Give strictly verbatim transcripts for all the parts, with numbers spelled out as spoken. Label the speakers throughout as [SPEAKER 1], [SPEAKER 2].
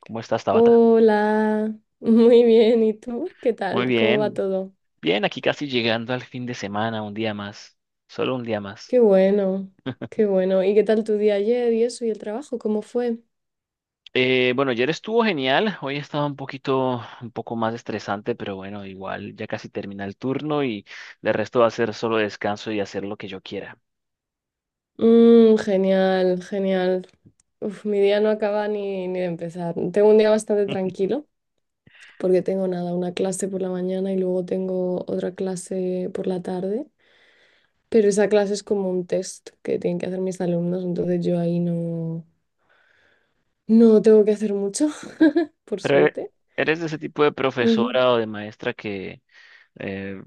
[SPEAKER 1] ¿Cómo estás, Tabata?
[SPEAKER 2] Hola, muy bien. ¿Y tú? ¿Qué
[SPEAKER 1] Muy
[SPEAKER 2] tal? ¿Cómo va
[SPEAKER 1] bien,
[SPEAKER 2] todo?
[SPEAKER 1] bien, aquí casi llegando al fin de semana, un día más, solo un día más.
[SPEAKER 2] Qué bueno, qué bueno. ¿Y qué tal tu día ayer y eso y el trabajo? ¿Cómo fue?
[SPEAKER 1] Eh, bueno, ayer estuvo genial, hoy estaba un poquito, un poco más estresante, pero bueno, igual ya casi termina el turno y de resto va a ser solo descanso y hacer lo que yo quiera.
[SPEAKER 2] Mm, genial, genial. Uf, mi día no acaba ni, ni de empezar. Tengo un día bastante tranquilo porque tengo nada, una clase por la mañana y luego tengo otra clase por la tarde. Pero esa clase es como un test que tienen que hacer mis alumnos, entonces yo ahí no, no tengo que hacer mucho, por
[SPEAKER 1] Pero eh,
[SPEAKER 2] suerte.
[SPEAKER 1] ¿eres de ese tipo de profesora o de maestra que eh,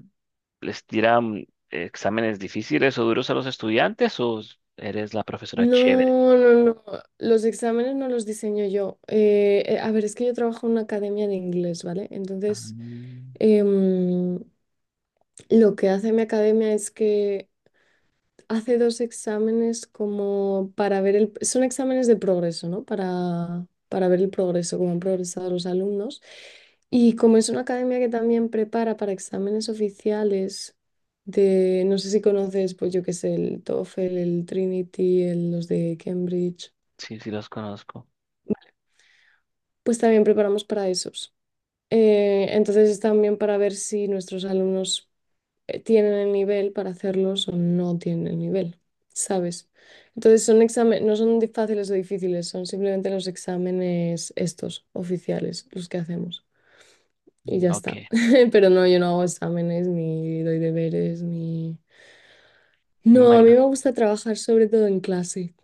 [SPEAKER 1] les tira mm, exámenes difíciles o duros a los estudiantes o eres la profesora chévere?
[SPEAKER 2] No, no, no. Los exámenes no los diseño yo. Eh, eh, a ver, es que yo trabajo en una academia de inglés, ¿vale? Entonces,
[SPEAKER 1] Ah,
[SPEAKER 2] em, lo que hace mi academia es que hace dos exámenes como para ver el... Son exámenes de progreso, ¿no? Para, para ver el progreso, cómo han progresado los alumnos. Y como es una academia que también prepara para exámenes oficiales de, no sé si conoces, pues yo qué sé, el TOEFL, el Trinity, el- los de Cambridge.
[SPEAKER 1] sí, sí los conozco.
[SPEAKER 2] Pues también preparamos para esos. Eh, entonces es también para ver si nuestros alumnos eh, tienen el nivel para hacerlos o no tienen el nivel, ¿sabes? Entonces son exámenes, no son di- fáciles o difíciles, son simplemente los exámenes estos, oficiales, los que hacemos. Y
[SPEAKER 1] Mm,
[SPEAKER 2] ya está.
[SPEAKER 1] ok,
[SPEAKER 2] Pero no, yo no hago exámenes, ni doy deberes, ni... No, a mí
[SPEAKER 1] bueno,
[SPEAKER 2] me gusta trabajar sobre todo en clase.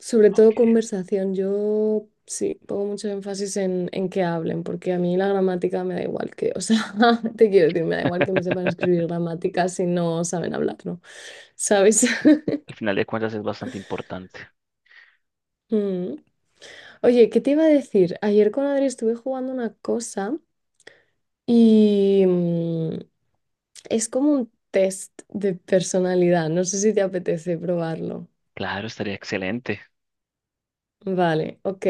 [SPEAKER 2] Sobre todo
[SPEAKER 1] ok.
[SPEAKER 2] conversación, yo sí, pongo mucho énfasis en, en que hablen, porque a mí la gramática me da igual que, o sea, te quiero decir, me da igual que me sepan escribir gramática si no saben hablar, ¿no? ¿Sabes?
[SPEAKER 1] Al final de cuentas es bastante importante.
[SPEAKER 2] Mm. Oye, ¿qué te iba a decir? Ayer con Adri estuve jugando una cosa y mm, es como un test de personalidad, no sé si te apetece probarlo.
[SPEAKER 1] Claro, estaría excelente.
[SPEAKER 2] Vale, ok.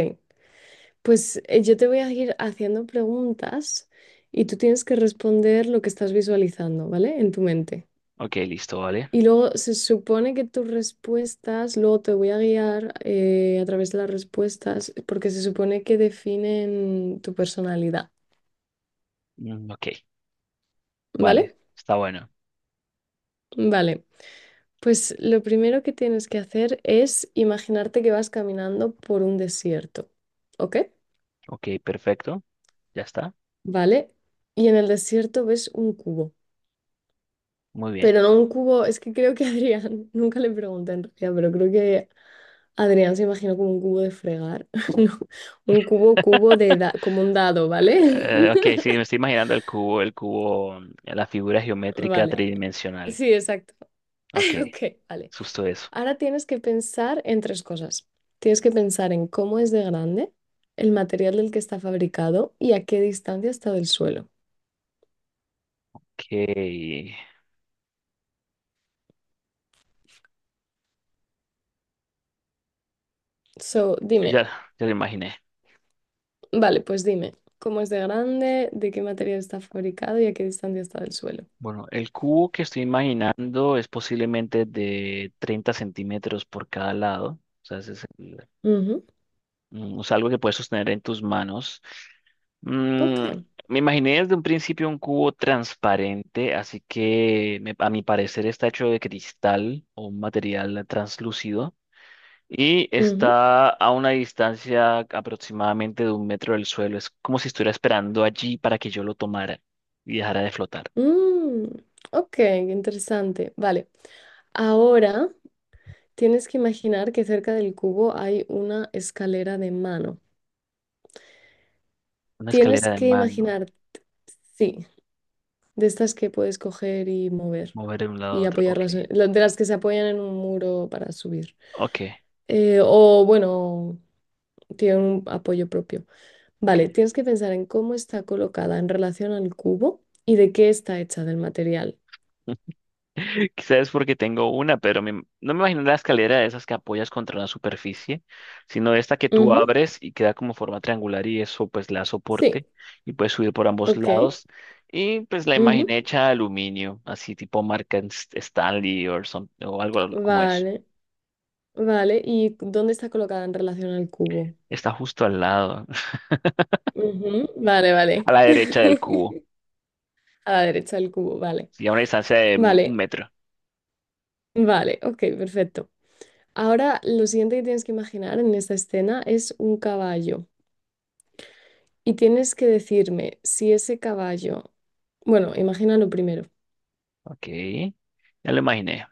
[SPEAKER 2] Pues eh, yo te voy a ir haciendo preguntas y tú tienes que responder lo que estás visualizando, ¿vale? En tu mente.
[SPEAKER 1] Ok, listo, vale.
[SPEAKER 2] Y luego se supone que tus respuestas, luego te voy a guiar eh, a través de las respuestas, porque se supone que definen tu personalidad,
[SPEAKER 1] Mm, ok, vale,
[SPEAKER 2] ¿vale?
[SPEAKER 1] está bueno.
[SPEAKER 2] Vale. Pues lo primero que tienes que hacer es imaginarte que vas caminando por un desierto, ¿ok?
[SPEAKER 1] Ok, perfecto, ya está.
[SPEAKER 2] ¿Vale? Y en el desierto ves un cubo.
[SPEAKER 1] Muy bien.
[SPEAKER 2] Pero no un cubo, es que creo que Adrián, nunca le pregunté en realidad, pero creo que Adrián se imaginó como un cubo de fregar, no, un cubo, cubo de, da- como un dado, ¿vale?
[SPEAKER 1] Eh, ok, sí, me estoy imaginando el cubo, el cubo, mm, la figura geométrica
[SPEAKER 2] Vale,
[SPEAKER 1] tridimensional.
[SPEAKER 2] sí, exacto.
[SPEAKER 1] Ok,
[SPEAKER 2] Ok, vale.
[SPEAKER 1] justo eso.
[SPEAKER 2] Ahora tienes que pensar en tres cosas. Tienes que pensar en cómo es de grande, el material del que está fabricado y a qué distancia está del suelo.
[SPEAKER 1] Ok,
[SPEAKER 2] So, dime,
[SPEAKER 1] ya, ya lo imaginé.
[SPEAKER 2] vale, pues dime, ¿cómo es de grande, de qué material está fabricado y a qué distancia está del suelo?
[SPEAKER 1] Bueno, el cubo que estoy imaginando es posiblemente de treinta centímetros por cada lado. O sea, ese es el... Mm, o algo que puedes sostener en tus manos. Mm,
[SPEAKER 2] Ok.
[SPEAKER 1] Me imaginé desde un principio un cubo transparente, así que me- a mi parecer está hecho de cristal o un material translúcido y
[SPEAKER 2] Ujú.
[SPEAKER 1] está a una distancia aproximadamente de un metro del suelo. Es como si estuviera esperando allí para que yo lo tomara y dejara de flotar.
[SPEAKER 2] Mm, ok, interesante. Vale. Ahora tienes que imaginar que cerca del cubo hay una escalera de mano.
[SPEAKER 1] Una
[SPEAKER 2] Tienes
[SPEAKER 1] escalera de
[SPEAKER 2] que
[SPEAKER 1] mano,
[SPEAKER 2] imaginar, sí, de estas que puedes coger y mover
[SPEAKER 1] mover de un lado a
[SPEAKER 2] y
[SPEAKER 1] otro. Ok,
[SPEAKER 2] apoyarlas, en- la- de las que se apoyan en un muro para subir.
[SPEAKER 1] ok,
[SPEAKER 2] Eh, o bueno, tiene un apoyo propio.
[SPEAKER 1] ok.
[SPEAKER 2] Vale, tienes que pensar en cómo está colocada en relación al cubo y de qué está hecha del material.
[SPEAKER 1] Quizás es porque tengo una, pero me- no me imagino la escalera de esas que apoyas contra la superficie, sino esta que tú
[SPEAKER 2] Ujú,
[SPEAKER 1] abres y queda como forma triangular y eso pues la soporte
[SPEAKER 2] sí,
[SPEAKER 1] y puedes subir por ambos
[SPEAKER 2] ok.
[SPEAKER 1] lados. Y pues la
[SPEAKER 2] Ujú,
[SPEAKER 1] imaginé hecha de aluminio, así tipo marca Ns- Stanley or some- o algo como eso.
[SPEAKER 2] vale, vale. ¿Y dónde está colocada en relación al cubo?
[SPEAKER 1] Está justo al lado,
[SPEAKER 2] Ujú, vale, vale.
[SPEAKER 1] a la derecha del cubo,
[SPEAKER 2] A la derecha del cubo, vale.
[SPEAKER 1] sí, a una distancia de un
[SPEAKER 2] Vale,
[SPEAKER 1] metro.
[SPEAKER 2] vale, ok, perfecto. Ahora lo siguiente que tienes que imaginar en esta escena es un caballo. Y tienes que decirme si ese caballo, bueno, imagínalo primero.
[SPEAKER 1] Ok, ya lo imaginé.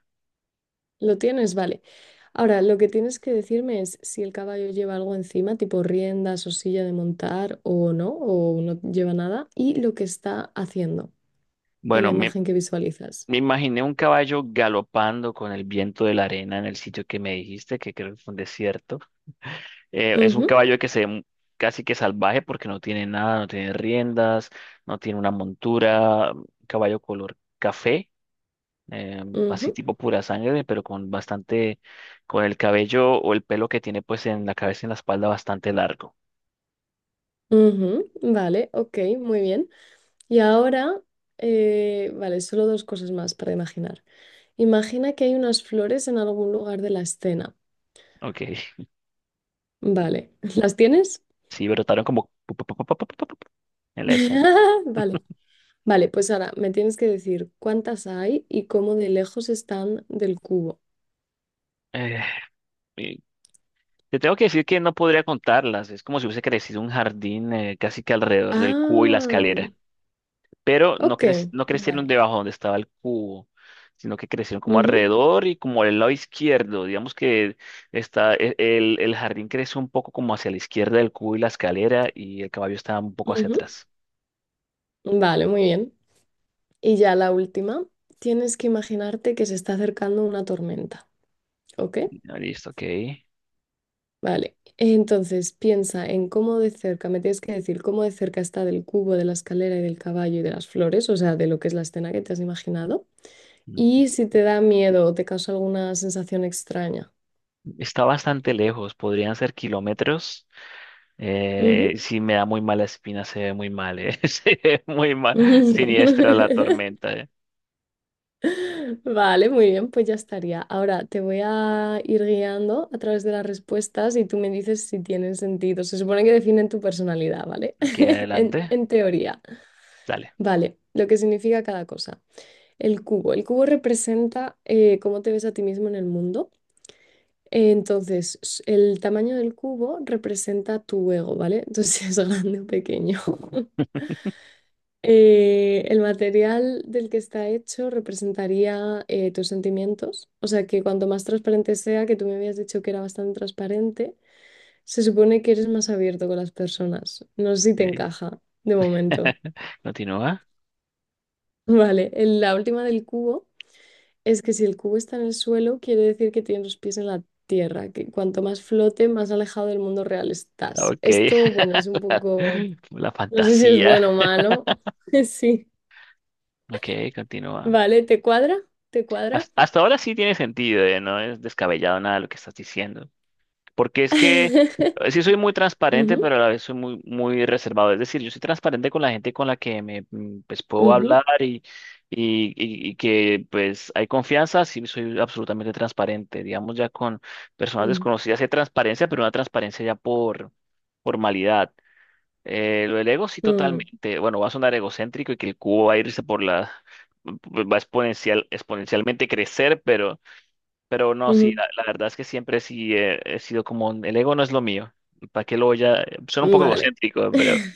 [SPEAKER 2] ¿Lo tienes? Vale. Ahora, lo que tienes que decirme es si el caballo lleva algo encima, tipo riendas o silla de montar o no, o no lleva nada, y lo que está haciendo en la
[SPEAKER 1] Bueno, me
[SPEAKER 2] imagen que visualizas.
[SPEAKER 1] Me imaginé un caballo galopando con el viento de la arena en el sitio que me dijiste, que creo que fue un desierto. Eh, es un
[SPEAKER 2] Ujú,
[SPEAKER 1] caballo que se ve mu- casi que salvaje porque no tiene nada, no tiene riendas, no tiene una montura, un caballo color café, eh, así
[SPEAKER 2] ujú,
[SPEAKER 1] tipo pura sangre, pero con bastante, con el cabello o el pelo que tiene pues en la cabeza y en la espalda bastante largo.
[SPEAKER 2] ujú. Vale, ok, muy bien. Y ahora, eh, vale, solo dos cosas más para imaginar. Imagina que hay unas flores en algún lugar de la escena.
[SPEAKER 1] Ok,
[SPEAKER 2] Vale, ¿las tienes?
[SPEAKER 1] sí, brotaron como pu- pu- pu- pu- pu- pu- pu- pu- en la escena.
[SPEAKER 2] Vale. Vale, pues ahora me tienes que decir cuántas hay y cómo de lejos están del cubo.
[SPEAKER 1] Eh, Te tengo que decir que no podría contarlas. Es como si hubiese crecido un jardín eh, casi que alrededor del cubo y la
[SPEAKER 2] Ah,
[SPEAKER 1] escalera. Pero no,
[SPEAKER 2] ok,
[SPEAKER 1] crec- no crecieron
[SPEAKER 2] vale.
[SPEAKER 1] debajo donde estaba el cubo, sino que crecieron como
[SPEAKER 2] Ujú,
[SPEAKER 1] alrededor y como al lado izquierdo. Digamos que está, e- el, el jardín creció un poco como hacia la izquierda del cubo y la escalera y el caballo estaba un poco hacia
[SPEAKER 2] ujú.
[SPEAKER 1] atrás.
[SPEAKER 2] Vale, muy bien. Y ya la última, tienes que imaginarte que se está acercando una tormenta, ¿ok?
[SPEAKER 1] Ah, listo, ok.
[SPEAKER 2] Vale. Entonces piensa en cómo de cerca, me tienes que decir cómo de cerca está del cubo, de la escalera y del caballo y de las flores, o sea, de lo que es la escena que te has imaginado.
[SPEAKER 1] Mm,
[SPEAKER 2] Y si te da miedo o te causa alguna sensación extraña.
[SPEAKER 1] Está bastante lejos, podrían ser kilómetros. Eh,
[SPEAKER 2] Ujú.
[SPEAKER 1] sí me da muy mala espina, se ve muy mal, eh. Se ve muy mal, siniestra la tormenta, eh.
[SPEAKER 2] Vale, muy bien, pues ya estaría. Ahora te voy a ir guiando a través de las respuestas y tú me dices si tienen sentido. Se supone que definen tu personalidad, ¿vale?
[SPEAKER 1] Aquí
[SPEAKER 2] En,
[SPEAKER 1] adelante,
[SPEAKER 2] en teoría.
[SPEAKER 1] dale.
[SPEAKER 2] Vale, lo que significa cada cosa. El cubo. El cubo representa eh, cómo te ves a ti mismo en el mundo. Eh, Entonces, s- el tamaño del cubo representa tu ego, ¿vale? Entonces, si es grande o pequeño. Eh, el material del que está hecho representaría eh, tus sentimientos, o sea que cuanto más transparente sea, que tú me habías dicho que era bastante transparente, se supone que eres más abierto con las personas. No sé si te
[SPEAKER 1] Ok.
[SPEAKER 2] encaja de momento.
[SPEAKER 1] Continúa.
[SPEAKER 2] Vale, el- la última del cubo es que si el cubo está en el suelo, quiere decir que tienes los pies en la tierra, que cuanto más flote, más alejado del mundo real estás.
[SPEAKER 1] Ok.
[SPEAKER 2] Esto, bueno, es un poco,
[SPEAKER 1] La
[SPEAKER 2] no sé si es
[SPEAKER 1] fantasía.
[SPEAKER 2] bueno o malo. Sí,
[SPEAKER 1] Ok, continúa.
[SPEAKER 2] vale, ¿te cuadra? ¿Te
[SPEAKER 1] Has-
[SPEAKER 2] cuadra?
[SPEAKER 1] Hasta ahora sí tiene sentido, eh, no es descabellado nada lo que estás diciendo. Porque es que eh, sí soy muy transparente, pero
[SPEAKER 2] Ujú,
[SPEAKER 1] a la vez soy muy, muy reservado. Es decir, yo soy transparente con la gente con la que me mm, pues, puedo
[SPEAKER 2] ujú,
[SPEAKER 1] hablar y, y, y- y que pues hay confianza, sí soy absolutamente transparente. Digamos, ya con personas
[SPEAKER 2] mm,
[SPEAKER 1] desconocidas hay transparencia, pero una transparencia ya por formalidad. Eh, lo del ego sí
[SPEAKER 2] mm,
[SPEAKER 1] totalmente. Bueno, va a sonar egocéntrico y que el cubo va a irse por la... va a exponencial, exponencialmente crecer, pero no, sí,
[SPEAKER 2] ujú.
[SPEAKER 1] la, la verdad es que siempre sí eh, he sido como, el ego no es lo mío. ¿Para qué lo voy a...? Suena un poco
[SPEAKER 2] Vale.
[SPEAKER 1] egocéntrico, pero...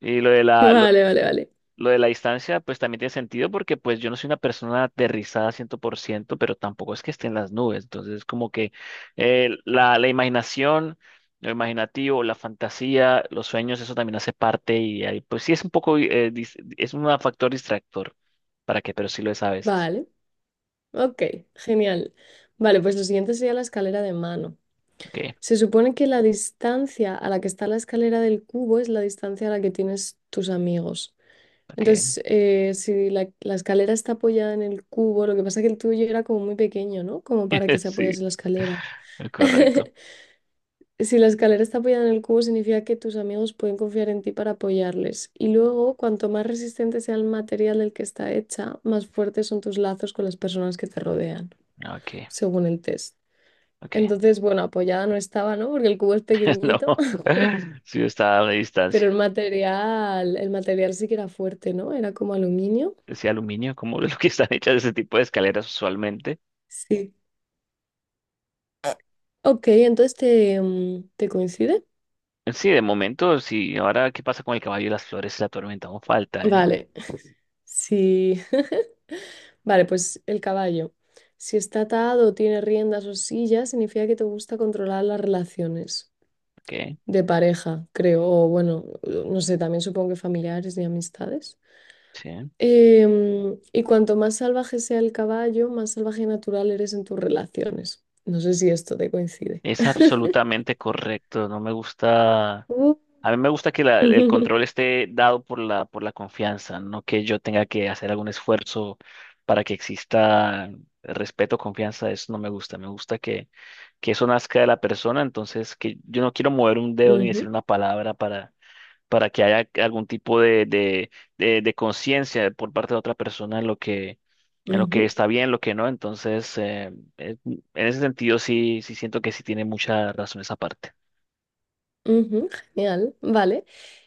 [SPEAKER 1] Y lo de la, lo,
[SPEAKER 2] Vale, vale, vale.
[SPEAKER 1] lo de la distancia, pues también tiene sentido porque pues yo no soy una persona aterrizada cien por ciento pero tampoco es que esté en las nubes. Entonces, como que eh, la, la imaginación, lo imaginativo, la fantasía, los sueños, eso también hace parte y ahí, pues sí es un poco, eh, dis- es un factor distractor. ¿Para qué? Pero sí lo es a veces.
[SPEAKER 2] Vale. Ok, genial. Vale, pues lo siguiente sería la escalera de mano.
[SPEAKER 1] Ok,
[SPEAKER 2] Se supone que la distancia a la que está la escalera del cubo es la distancia a la que tienes tus amigos.
[SPEAKER 1] ok.
[SPEAKER 2] Entonces, eh, si la, la escalera está apoyada en el cubo, lo que pasa es que el tuyo era como muy pequeño, ¿no? Como para que se apoyase
[SPEAKER 1] Sí,
[SPEAKER 2] la escalera.
[SPEAKER 1] correcto.
[SPEAKER 2] Si la escalera está apoyada en el cubo, significa que tus amigos pueden confiar en ti para apoyarles. Y luego, cuanto más resistente sea el material del que está hecha, más fuertes son tus lazos con las personas que te rodean,
[SPEAKER 1] Ok.
[SPEAKER 2] según el test.
[SPEAKER 1] Ok,
[SPEAKER 2] Entonces, bueno, apoyada no estaba, ¿no? Porque el cubo es
[SPEAKER 1] no,
[SPEAKER 2] pequeñito,
[SPEAKER 1] sí está a una distancia.
[SPEAKER 2] pero el material, el material sí que era fuerte, ¿no? Era como aluminio.
[SPEAKER 1] Ese aluminio, como de lo que están hechas ese tipo de escaleras usualmente.
[SPEAKER 2] Sí. Ok, entonces te, mm, te coincide.
[SPEAKER 1] Sí, de momento, sí. Ahora, ¿qué pasa con el caballo y las flores y la tormenta? Aún falta, ¿eh?
[SPEAKER 2] Vale. Sí. Vale, pues el caballo. Si está atado o tiene riendas o sillas, significa que te gusta controlar las relaciones
[SPEAKER 1] Ok,
[SPEAKER 2] de pareja, creo, o bueno, no sé, también supongo que familiares y amistades.
[SPEAKER 1] sí.
[SPEAKER 2] Em, y cuanto más salvaje sea el caballo, más salvaje y natural eres en tus relaciones. No sé si esto te coincide.
[SPEAKER 1] Es absolutamente correcto. No me gusta.
[SPEAKER 2] Uh.
[SPEAKER 1] A mí me gusta que la- el control esté dado por la, por la confianza, no que yo tenga que hacer algún esfuerzo para que exista respeto, confianza, eso no me gusta. Me gusta que, que eso nazca de la persona, entonces que yo no quiero mover un dedo ni decir
[SPEAKER 2] Ujú,
[SPEAKER 1] una palabra para, para que haya algún tipo de, de, de, de conciencia por parte de otra persona en lo que, en lo que
[SPEAKER 2] ujú.
[SPEAKER 1] está bien, lo que no. Entonces, eh, eh, en ese sentido sí, sí siento que sí tiene mucha razón esa parte.
[SPEAKER 2] Ujú, genial, vale.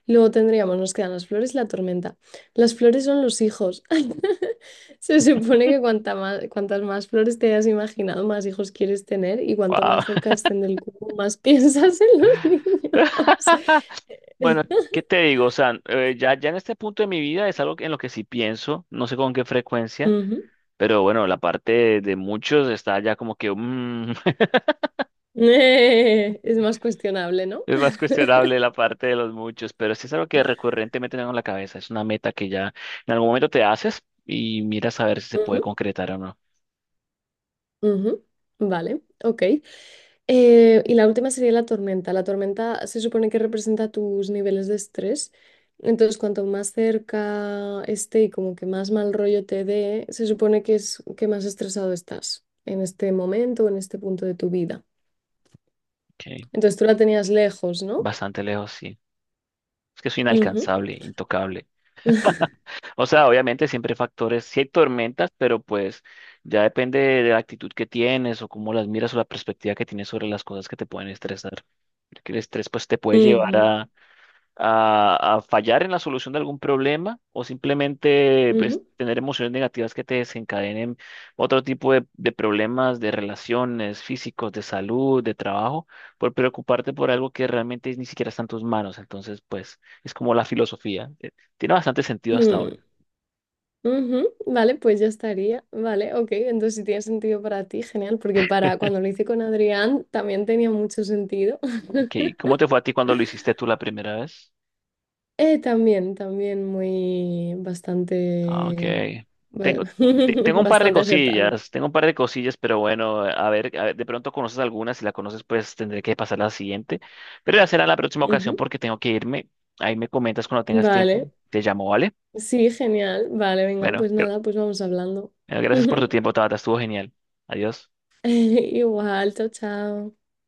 [SPEAKER 2] Luego tendríamos, nos quedan las flores y la tormenta. Las flores son los hijos. Se supone que cuanta más, cuantas más flores te hayas imaginado, más hijos quieres tener y cuanto
[SPEAKER 1] Wow.
[SPEAKER 2] más cerca estén del cubo, más piensas en los niños.
[SPEAKER 1] Bueno, ¿qué te digo? O sea, eh, ya, ya en este punto de mi vida es algo que- en lo que sí pienso, no sé con qué frecuencia,
[SPEAKER 2] Ujú.
[SPEAKER 1] pero bueno, la parte de, de muchos está ya como que mm,
[SPEAKER 2] Es más cuestionable, ¿no?
[SPEAKER 1] es más cuestionable la parte de los muchos, pero sí es algo que recurrentemente tengo en la cabeza, es una meta que ya en algún momento te haces y miras a ver si se puede
[SPEAKER 2] Ujú,
[SPEAKER 1] concretar o no.
[SPEAKER 2] ujú. Vale, ok. Eh, y la última sería la tormenta. La tormenta se supone que representa tus niveles de estrés. Entonces, cuanto más cerca esté y como que más mal rollo te dé, se supone que es que más estresado estás en este momento o en este punto de tu vida.
[SPEAKER 1] Ok,
[SPEAKER 2] Entonces, tú la tenías lejos, ¿no?
[SPEAKER 1] bastante lejos, sí. Es que soy
[SPEAKER 2] Ujú,
[SPEAKER 1] inalcanzable, intocable. O sea, obviamente siempre hay factores, sí hay tormentas, pero pues ya depende de la actitud que tienes o cómo las miras o la perspectiva que tienes sobre las cosas que te pueden estresar. Porque el estrés pues te puede llevar
[SPEAKER 2] ujú,
[SPEAKER 1] a, a, a fallar en la solución de algún problema o simplemente pues,
[SPEAKER 2] ujú,
[SPEAKER 1] tener emociones negativas que te desencadenen otro tipo de, de problemas de relaciones físicos, de salud, de trabajo, por preocuparte por algo que realmente ni siquiera está en tus manos. Entonces pues es como la filosofía. Eh, Tiene bastante sentido hasta ahora.
[SPEAKER 2] mm, ujú. Vale, pues ya estaría. Vale, ok. Entonces, si tiene sentido para ti, genial, porque para cuando lo hice con Adrián también tenía mucho sentido.
[SPEAKER 1] ¿Qué- ¿Cómo te fue a ti cuando lo hiciste tú la primera vez?
[SPEAKER 2] Eh, también, también muy
[SPEAKER 1] Ah, mm. Ok.
[SPEAKER 2] bastante, ba-
[SPEAKER 1] Tengo, te- tengo un par de
[SPEAKER 2] bastante acertado.
[SPEAKER 1] cosillas, tengo un par de cosillas, pero bueno, a ver, a ver, de pronto conoces algunas, si la conoces, pues tendré que pasar a la siguiente. Pero ya será en la próxima ocasión
[SPEAKER 2] Ujú.
[SPEAKER 1] porque tengo que irme. Ahí me comentas cuando tengas tiempo.
[SPEAKER 2] Vale,
[SPEAKER 1] Te llamo, ¿vale?
[SPEAKER 2] sí, genial. Vale, venga,
[SPEAKER 1] Bueno,
[SPEAKER 2] pues
[SPEAKER 1] gra-
[SPEAKER 2] nada, pues vamos hablando.
[SPEAKER 1] bueno, gracias por tu tiempo, Tabata, estuvo genial. Adiós.
[SPEAKER 2] Igual, chao, chao.